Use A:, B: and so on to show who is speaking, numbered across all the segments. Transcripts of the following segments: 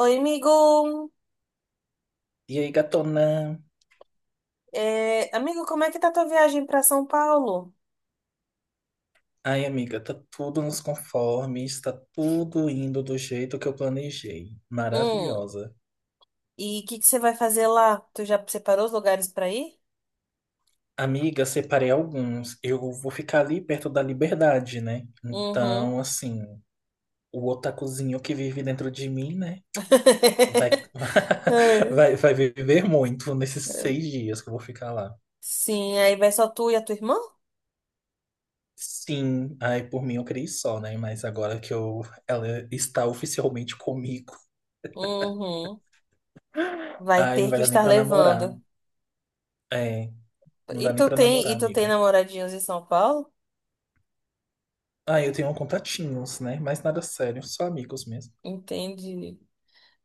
A: Oi, amigo.
B: E aí, gatona?
A: É, amigo, como é que tá tua viagem pra São Paulo?
B: Ai, amiga, tá tudo nos conformes, tá tudo indo do jeito que eu planejei.
A: Hum.
B: Maravilhosa.
A: E o que que você vai fazer lá? Tu já separou os lugares pra ir?
B: Amiga, separei alguns. Eu vou ficar ali perto da liberdade, né?
A: Uhum.
B: Então, assim, o otakuzinho que vive dentro de mim, né? Vai,
A: Ai,
B: vai, vai viver muito nesses
A: ai.
B: 6 dias que eu vou ficar lá.
A: Sim, aí vai só tu e a tua irmã?
B: Sim, ai, por mim eu criei só, né? Mas agora que eu, ela está oficialmente comigo,
A: Uhum. Vai
B: ai, não
A: ter
B: vai
A: que
B: dar nem
A: estar
B: pra namorar.
A: levando.
B: É. Não
A: E
B: dá nem
A: tu
B: pra
A: tem,
B: namorar,
A: e tu tem
B: amiga.
A: namoradinhos em São Paulo?
B: Ah, eu tenho contatinhos, né? Mas nada sério, só amigos mesmo.
A: Entendi.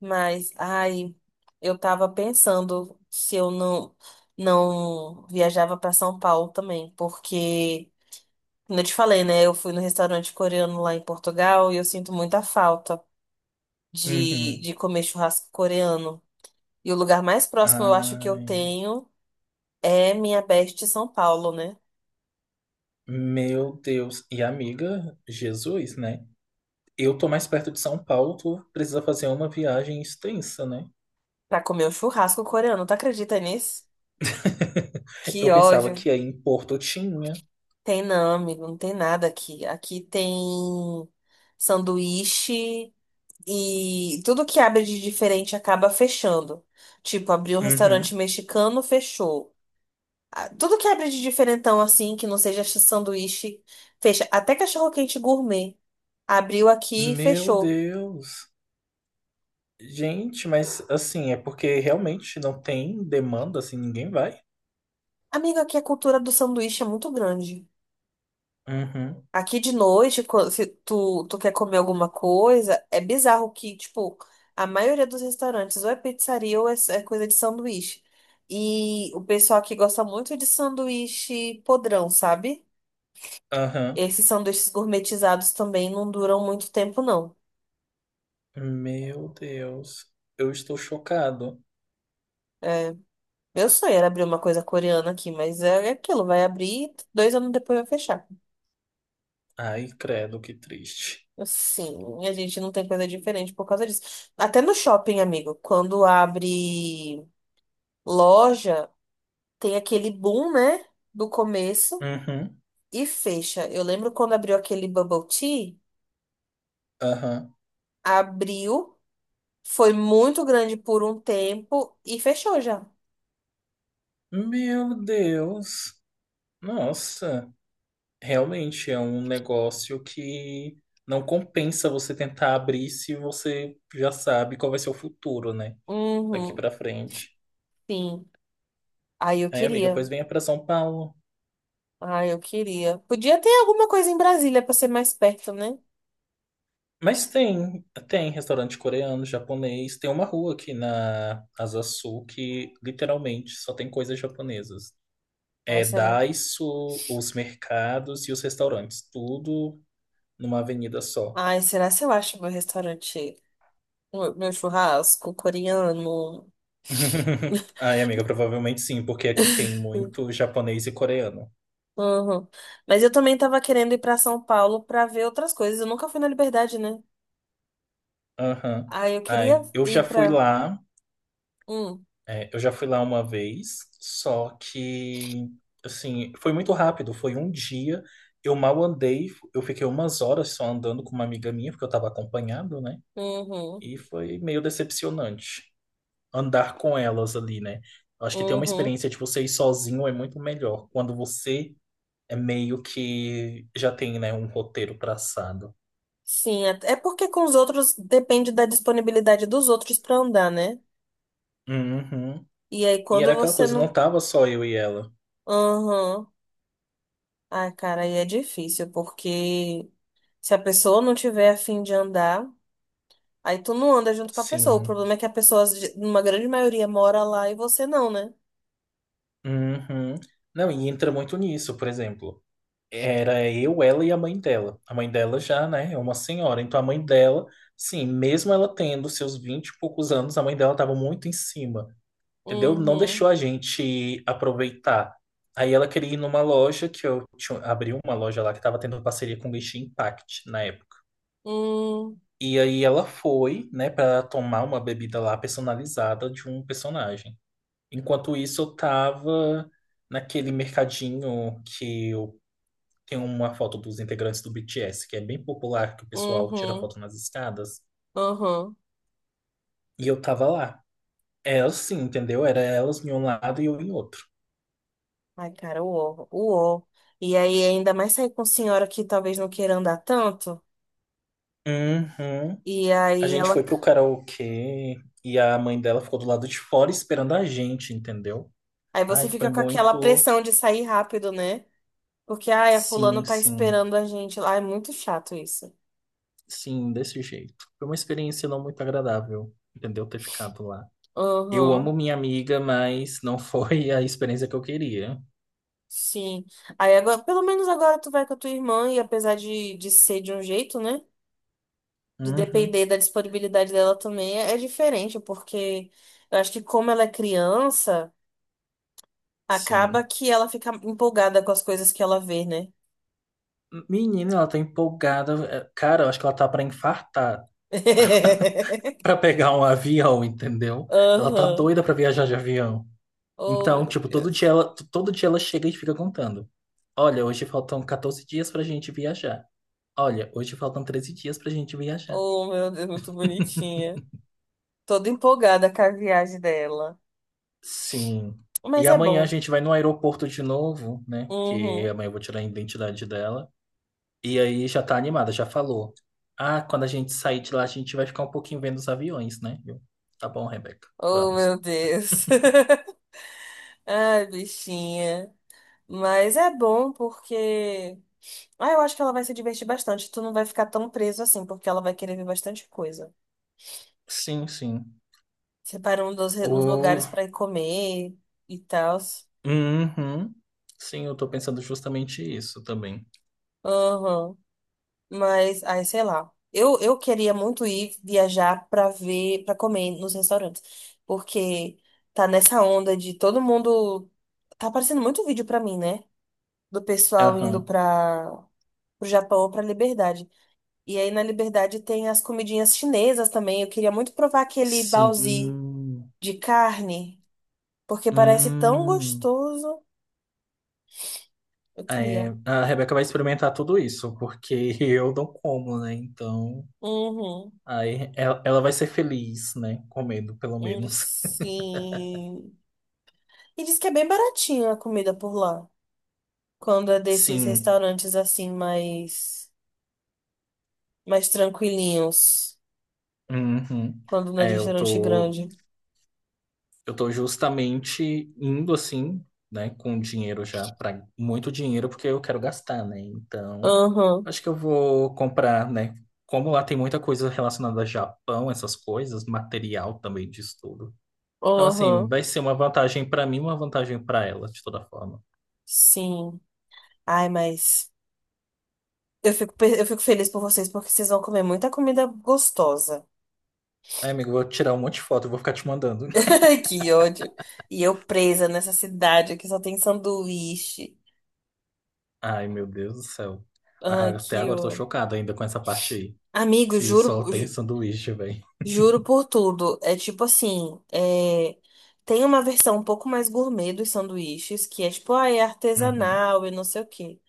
A: Mas, ai, eu tava pensando se eu não viajava para São Paulo também, porque, como eu te falei, né? Eu fui no restaurante coreano lá em Portugal e eu sinto muita falta de,
B: Uhum.
A: de comer churrasco coreano. E o lugar mais próximo eu acho que eu
B: Ai,
A: tenho é minha best São Paulo, né?
B: meu Deus. E amiga, Jesus, né? Eu tô mais perto de São Paulo, tu precisa fazer uma viagem extensa, né?
A: Pra comer o churrasco coreano. Tu acredita nisso? Que
B: Eu pensava
A: ódio.
B: que aí em Porto tinha.
A: Tem não, amigo, não tem nada aqui. Aqui tem sanduíche e tudo que abre de diferente acaba fechando. Tipo, abriu um
B: Uhum.
A: restaurante mexicano, fechou. Ah, tudo que abre de diferentão assim, que não seja sanduíche, fecha. Até cachorro-quente gourmet. Abriu aqui e
B: Meu
A: fechou.
B: Deus. Gente, mas assim, é porque realmente não tem demanda, assim, ninguém vai.
A: Amigo, aqui a cultura do sanduíche é muito grande.
B: Uhum.
A: Aqui de noite, se tu quer comer alguma coisa, é bizarro que, tipo, a maioria dos restaurantes ou é pizzaria ou é coisa de sanduíche. E o pessoal aqui gosta muito de sanduíche podrão, sabe?
B: Aham.
A: Esses sanduíches gourmetizados também não duram muito tempo, não.
B: Meu Deus. Eu estou chocado.
A: Meu sonho era abrir uma coisa coreana aqui, mas é aquilo, vai abrir e 2 anos depois vai fechar.
B: Ai, credo, que triste.
A: Assim, a gente não tem coisa diferente por causa disso. Até no shopping, amigo, quando abre loja, tem aquele boom, né? Do começo
B: Uhum,
A: e fecha. Eu lembro quando abriu aquele bubble tea,
B: aham.
A: abriu, foi muito grande por um tempo e fechou já.
B: Meu Deus. Nossa, realmente é um negócio que não compensa você tentar abrir se você já sabe qual vai ser o futuro, né? Daqui
A: Uhum,
B: pra frente.
A: sim. Aí eu
B: Aí, amiga,
A: queria.
B: pois venha pra São Paulo.
A: Ai, eu queria. Podia ter alguma coisa em Brasília pra ser mais perto, né?
B: Mas tem restaurante coreano, japonês. Tem uma rua aqui na Asa Sul que literalmente só tem coisas japonesas.
A: Ai,
B: É
A: será?
B: Daiso, os mercados e os restaurantes, tudo numa avenida só.
A: Ai, será se eu acho meu restaurante, meu churrasco coreano?
B: Ai, amiga, provavelmente sim, porque aqui tem muito japonês e coreano.
A: Uhum. Mas eu também tava querendo ir pra São Paulo pra ver outras coisas. Eu nunca fui na Liberdade, né?
B: Aham.
A: Aí eu queria
B: Ai,
A: ir pra. Hum,
B: eu já fui lá uma vez, só que, assim, foi muito rápido, foi um dia. Eu mal andei, eu fiquei umas horas só andando com uma amiga minha, porque eu estava acompanhado, né?
A: uhum,
B: E foi meio decepcionante andar com elas ali, né? Eu acho que ter uma
A: uhum.
B: experiência de você ir sozinho é muito melhor. Quando você é meio que já tem, né, um roteiro traçado.
A: Sim, é porque com os outros depende da disponibilidade dos outros pra andar, né?
B: Uhum.
A: E aí
B: E era
A: quando
B: aquela
A: você
B: coisa, não
A: não.
B: tava só eu e ela.
A: Uhum. Ai, cara, aí é difícil, porque se a pessoa não tiver a fim de andar. Aí tu não anda junto com a pessoa. O
B: Sim.
A: problema é que a pessoa, numa grande maioria, mora lá e você não, né?
B: Uhum. Não, e entra muito nisso, por exemplo. Era eu, ela e a mãe dela. A mãe dela já, né, é uma senhora. Então a mãe dela, sim, mesmo ela tendo seus 20 e poucos anos, a mãe dela tava muito em cima, entendeu? Não
A: Uhum.
B: deixou a gente aproveitar. Aí ela queria ir numa loja que eu tinha, abri uma loja lá que tava tendo parceria com o Genshin Impact na época.
A: Hum.
B: E aí ela foi, né, para tomar uma bebida lá personalizada de um personagem. Enquanto isso, eu tava naquele mercadinho que eu tenho uma foto dos integrantes do BTS, que é bem popular, que o pessoal tira
A: Uhum.
B: foto nas escadas.
A: Uhum.
B: E eu tava lá. Elas sim, entendeu? Era elas em um lado e eu em outro.
A: Ai, cara, o ó, o uó. E aí ainda mais sair com senhora que talvez não queira andar tanto.
B: Uhum.
A: E
B: A
A: aí
B: gente foi
A: ela.
B: pro karaokê e a mãe dela ficou do lado de fora esperando a gente, entendeu?
A: Aí você
B: Ai, foi
A: fica com aquela
B: muito.
A: pressão de sair rápido, né? Porque, ai, a fulana
B: Sim,
A: tá
B: sim.
A: esperando a gente lá. É muito chato isso.
B: Sim, desse jeito. Foi uma experiência não muito agradável, entendeu? Ter ficado lá. Eu amo
A: Uhum.
B: minha amiga, mas não foi a experiência que eu queria.
A: Sim. Aí agora, pelo menos agora tu vai com a tua irmã, e apesar de ser de um jeito, né? De
B: Uhum,
A: depender da disponibilidade dela também é diferente, porque eu acho que como ela é criança, acaba
B: sim.
A: que ela fica empolgada com as coisas que ela vê, né?
B: Menina, ela tá empolgada. É, cara, eu acho que ela tá pra infartar, pra pegar um avião, entendeu? Ela tá
A: Aham.
B: doida pra viajar de avião.
A: Oh,
B: Então,
A: meu
B: tipo,
A: Deus.
B: todo dia ela chega e fica contando. Olha, hoje faltam 14 dias pra gente viajar. Olha, hoje faltam 13 dias pra gente viajar.
A: Oh, meu Deus, muito bonitinha. Toda empolgada com a viagem dela.
B: Sim.
A: Mas
B: E
A: é
B: amanhã a
A: bom.
B: gente vai no aeroporto de novo, né? Porque
A: Uhum.
B: amanhã eu vou tirar a identidade dela. E aí já tá animada, já falou. Ah, quando a gente sair de lá, a gente vai ficar um pouquinho vendo os aviões, né? Tá bom, Rebeca,
A: Oh,
B: vamos.
A: meu Deus. Ai, bichinha. Mas é bom porque, ah, eu acho que ela vai se divertir bastante. Tu não vai ficar tão preso assim, porque ela vai querer ver bastante coisa.
B: Sim, sim.
A: Separando uns, uns
B: O...
A: lugares pra ir comer e tal.
B: Uhum. Sim, eu tô pensando justamente isso também.
A: Aham. Mas, ai, sei lá. Eu queria muito ir viajar pra ver, pra comer nos restaurantes. Porque tá nessa onda de todo mundo. Tá aparecendo muito vídeo pra mim, né? Do pessoal indo
B: Aham.
A: pra. Pro Japão ou pra Liberdade. E aí na Liberdade tem as comidinhas chinesas também. Eu queria muito provar aquele baozi
B: Sim.
A: de carne, porque parece tão
B: Hum.
A: gostoso. Eu
B: É,
A: queria.
B: a Rebeca vai experimentar tudo isso, porque eu não como, né? Então.
A: Uhum.
B: Aí ela vai ser feliz, né? Comendo, pelo menos.
A: Sim. E diz que é bem baratinha a comida por lá. Quando é desses
B: Sim.
A: restaurantes assim mais mais tranquilinhos,
B: Uhum.
A: quando não é de
B: É,
A: restaurante grande.
B: eu tô justamente indo assim, né? Com dinheiro já, para muito dinheiro, porque eu quero gastar, né? Então,
A: Aham.
B: acho que eu vou comprar, né? Como lá tem muita coisa relacionada a Japão, essas coisas, material também de tudo. Então, assim,
A: Aham.
B: vai ser uma vantagem para mim, uma vantagem para ela, de toda forma.
A: Sim. Ai, mas eu fico eu fico feliz por vocês porque vocês vão comer muita comida gostosa.
B: Aí, amigo, eu vou tirar um monte de foto, eu vou ficar te mandando.
A: Ai, que ódio. E eu presa nessa cidade que só tem sanduíche.
B: Ai, meu Deus do céu. Ah,
A: Ai,
B: até
A: que
B: agora eu tô
A: o...
B: chocado ainda com essa parte aí.
A: Amigo,
B: Se
A: juro,
B: só tem sanduíche, velho.
A: juro por tudo. É tipo assim, é, tem uma versão um pouco mais gourmet dos sanduíches, que é tipo, ah, é
B: Uhum.
A: artesanal e não sei o quê.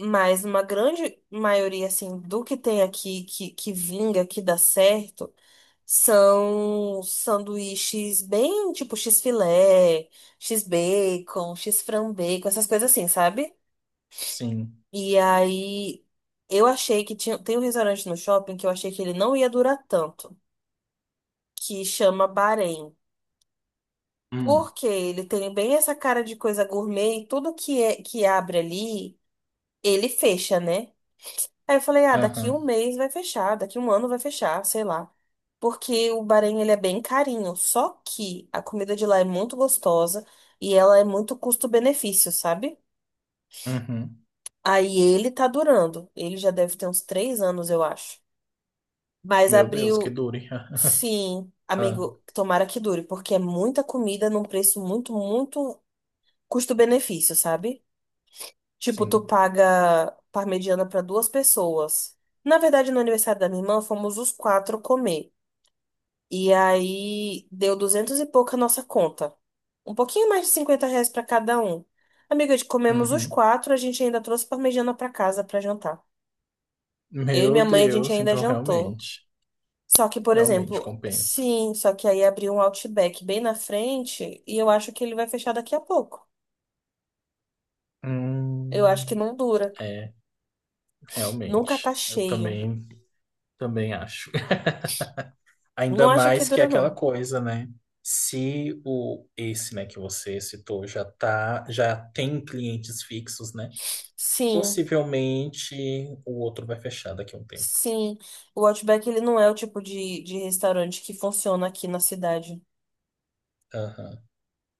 A: Mas uma grande maioria, assim, do que tem aqui, que vinga, que dá certo, são sanduíches bem, tipo, x-filé, x-bacon, x-frambacon, essas coisas assim, sabe?
B: Sim.
A: E aí eu achei que tinha, tem um restaurante no shopping que eu achei que ele não ia durar tanto, que chama Bahrein.
B: Hum.
A: Porque ele tem bem essa cara de coisa gourmet e tudo que é que abre ali, ele fecha, né? Aí eu falei, ah, daqui
B: Aham.
A: um mês vai fechar, daqui um ano vai fechar, sei lá. Porque o Bahrein, ele é bem carinho, só que a comida de lá é muito gostosa e ela é muito custo-benefício, sabe?
B: Uhum.
A: Aí ele tá durando, ele já deve ter uns 3 anos, eu acho. Mas
B: Meu Deus, que
A: abriu.
B: dure.
A: Sim,
B: Ah,
A: amigo, tomara que dure, porque é muita comida num preço muito, muito custo-benefício, sabe? Tipo,
B: sim.
A: tu paga parmegiana para duas pessoas. Na verdade, no aniversário da minha irmã, fomos os quatro comer. E aí deu duzentos e pouco a nossa conta. Um pouquinho mais de R$ 50 para cada um. Amiga, comemos os
B: Uhum.
A: quatro, a gente ainda trouxe parmegiana para casa para jantar. Eu e
B: Meu
A: minha mãe, a gente
B: Deus,
A: ainda
B: então
A: jantou.
B: realmente.
A: Só que, por
B: Realmente
A: exemplo,
B: compensa.
A: sim, só que aí abriu um Outback bem na frente e eu acho que ele vai fechar daqui a pouco. Eu acho que
B: Hum.
A: não dura.
B: É,
A: Nunca tá
B: realmente. Eu
A: cheio.
B: também acho.
A: Não
B: Ainda
A: acho que
B: mais que é
A: dura, não.
B: aquela coisa, né? Se o esse, né, que você citou já tá, já tem clientes fixos, né?
A: Sim,
B: Possivelmente o outro vai fechar daqui a um tempo.
A: sim. O Outback, ele não é o tipo de restaurante que funciona aqui na cidade.
B: Aham,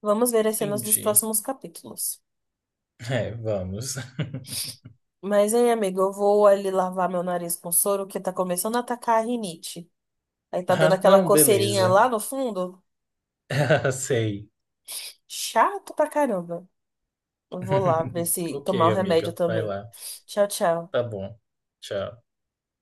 A: Vamos ver as cenas dos
B: entendi.
A: próximos capítulos.
B: É, vamos.
A: Mas, hein, amigo, eu vou ali lavar meu nariz com soro, que tá começando a atacar a rinite. Aí tá dando
B: Ah,
A: aquela
B: não,
A: coceirinha
B: beleza.
A: lá no fundo.
B: Sei.
A: Chato pra caramba. Eu vou lá ver se
B: Ok,
A: tomar o remédio
B: amiga, vai
A: também.
B: lá.
A: Tchau, tchau.
B: Tá bom. Tchau.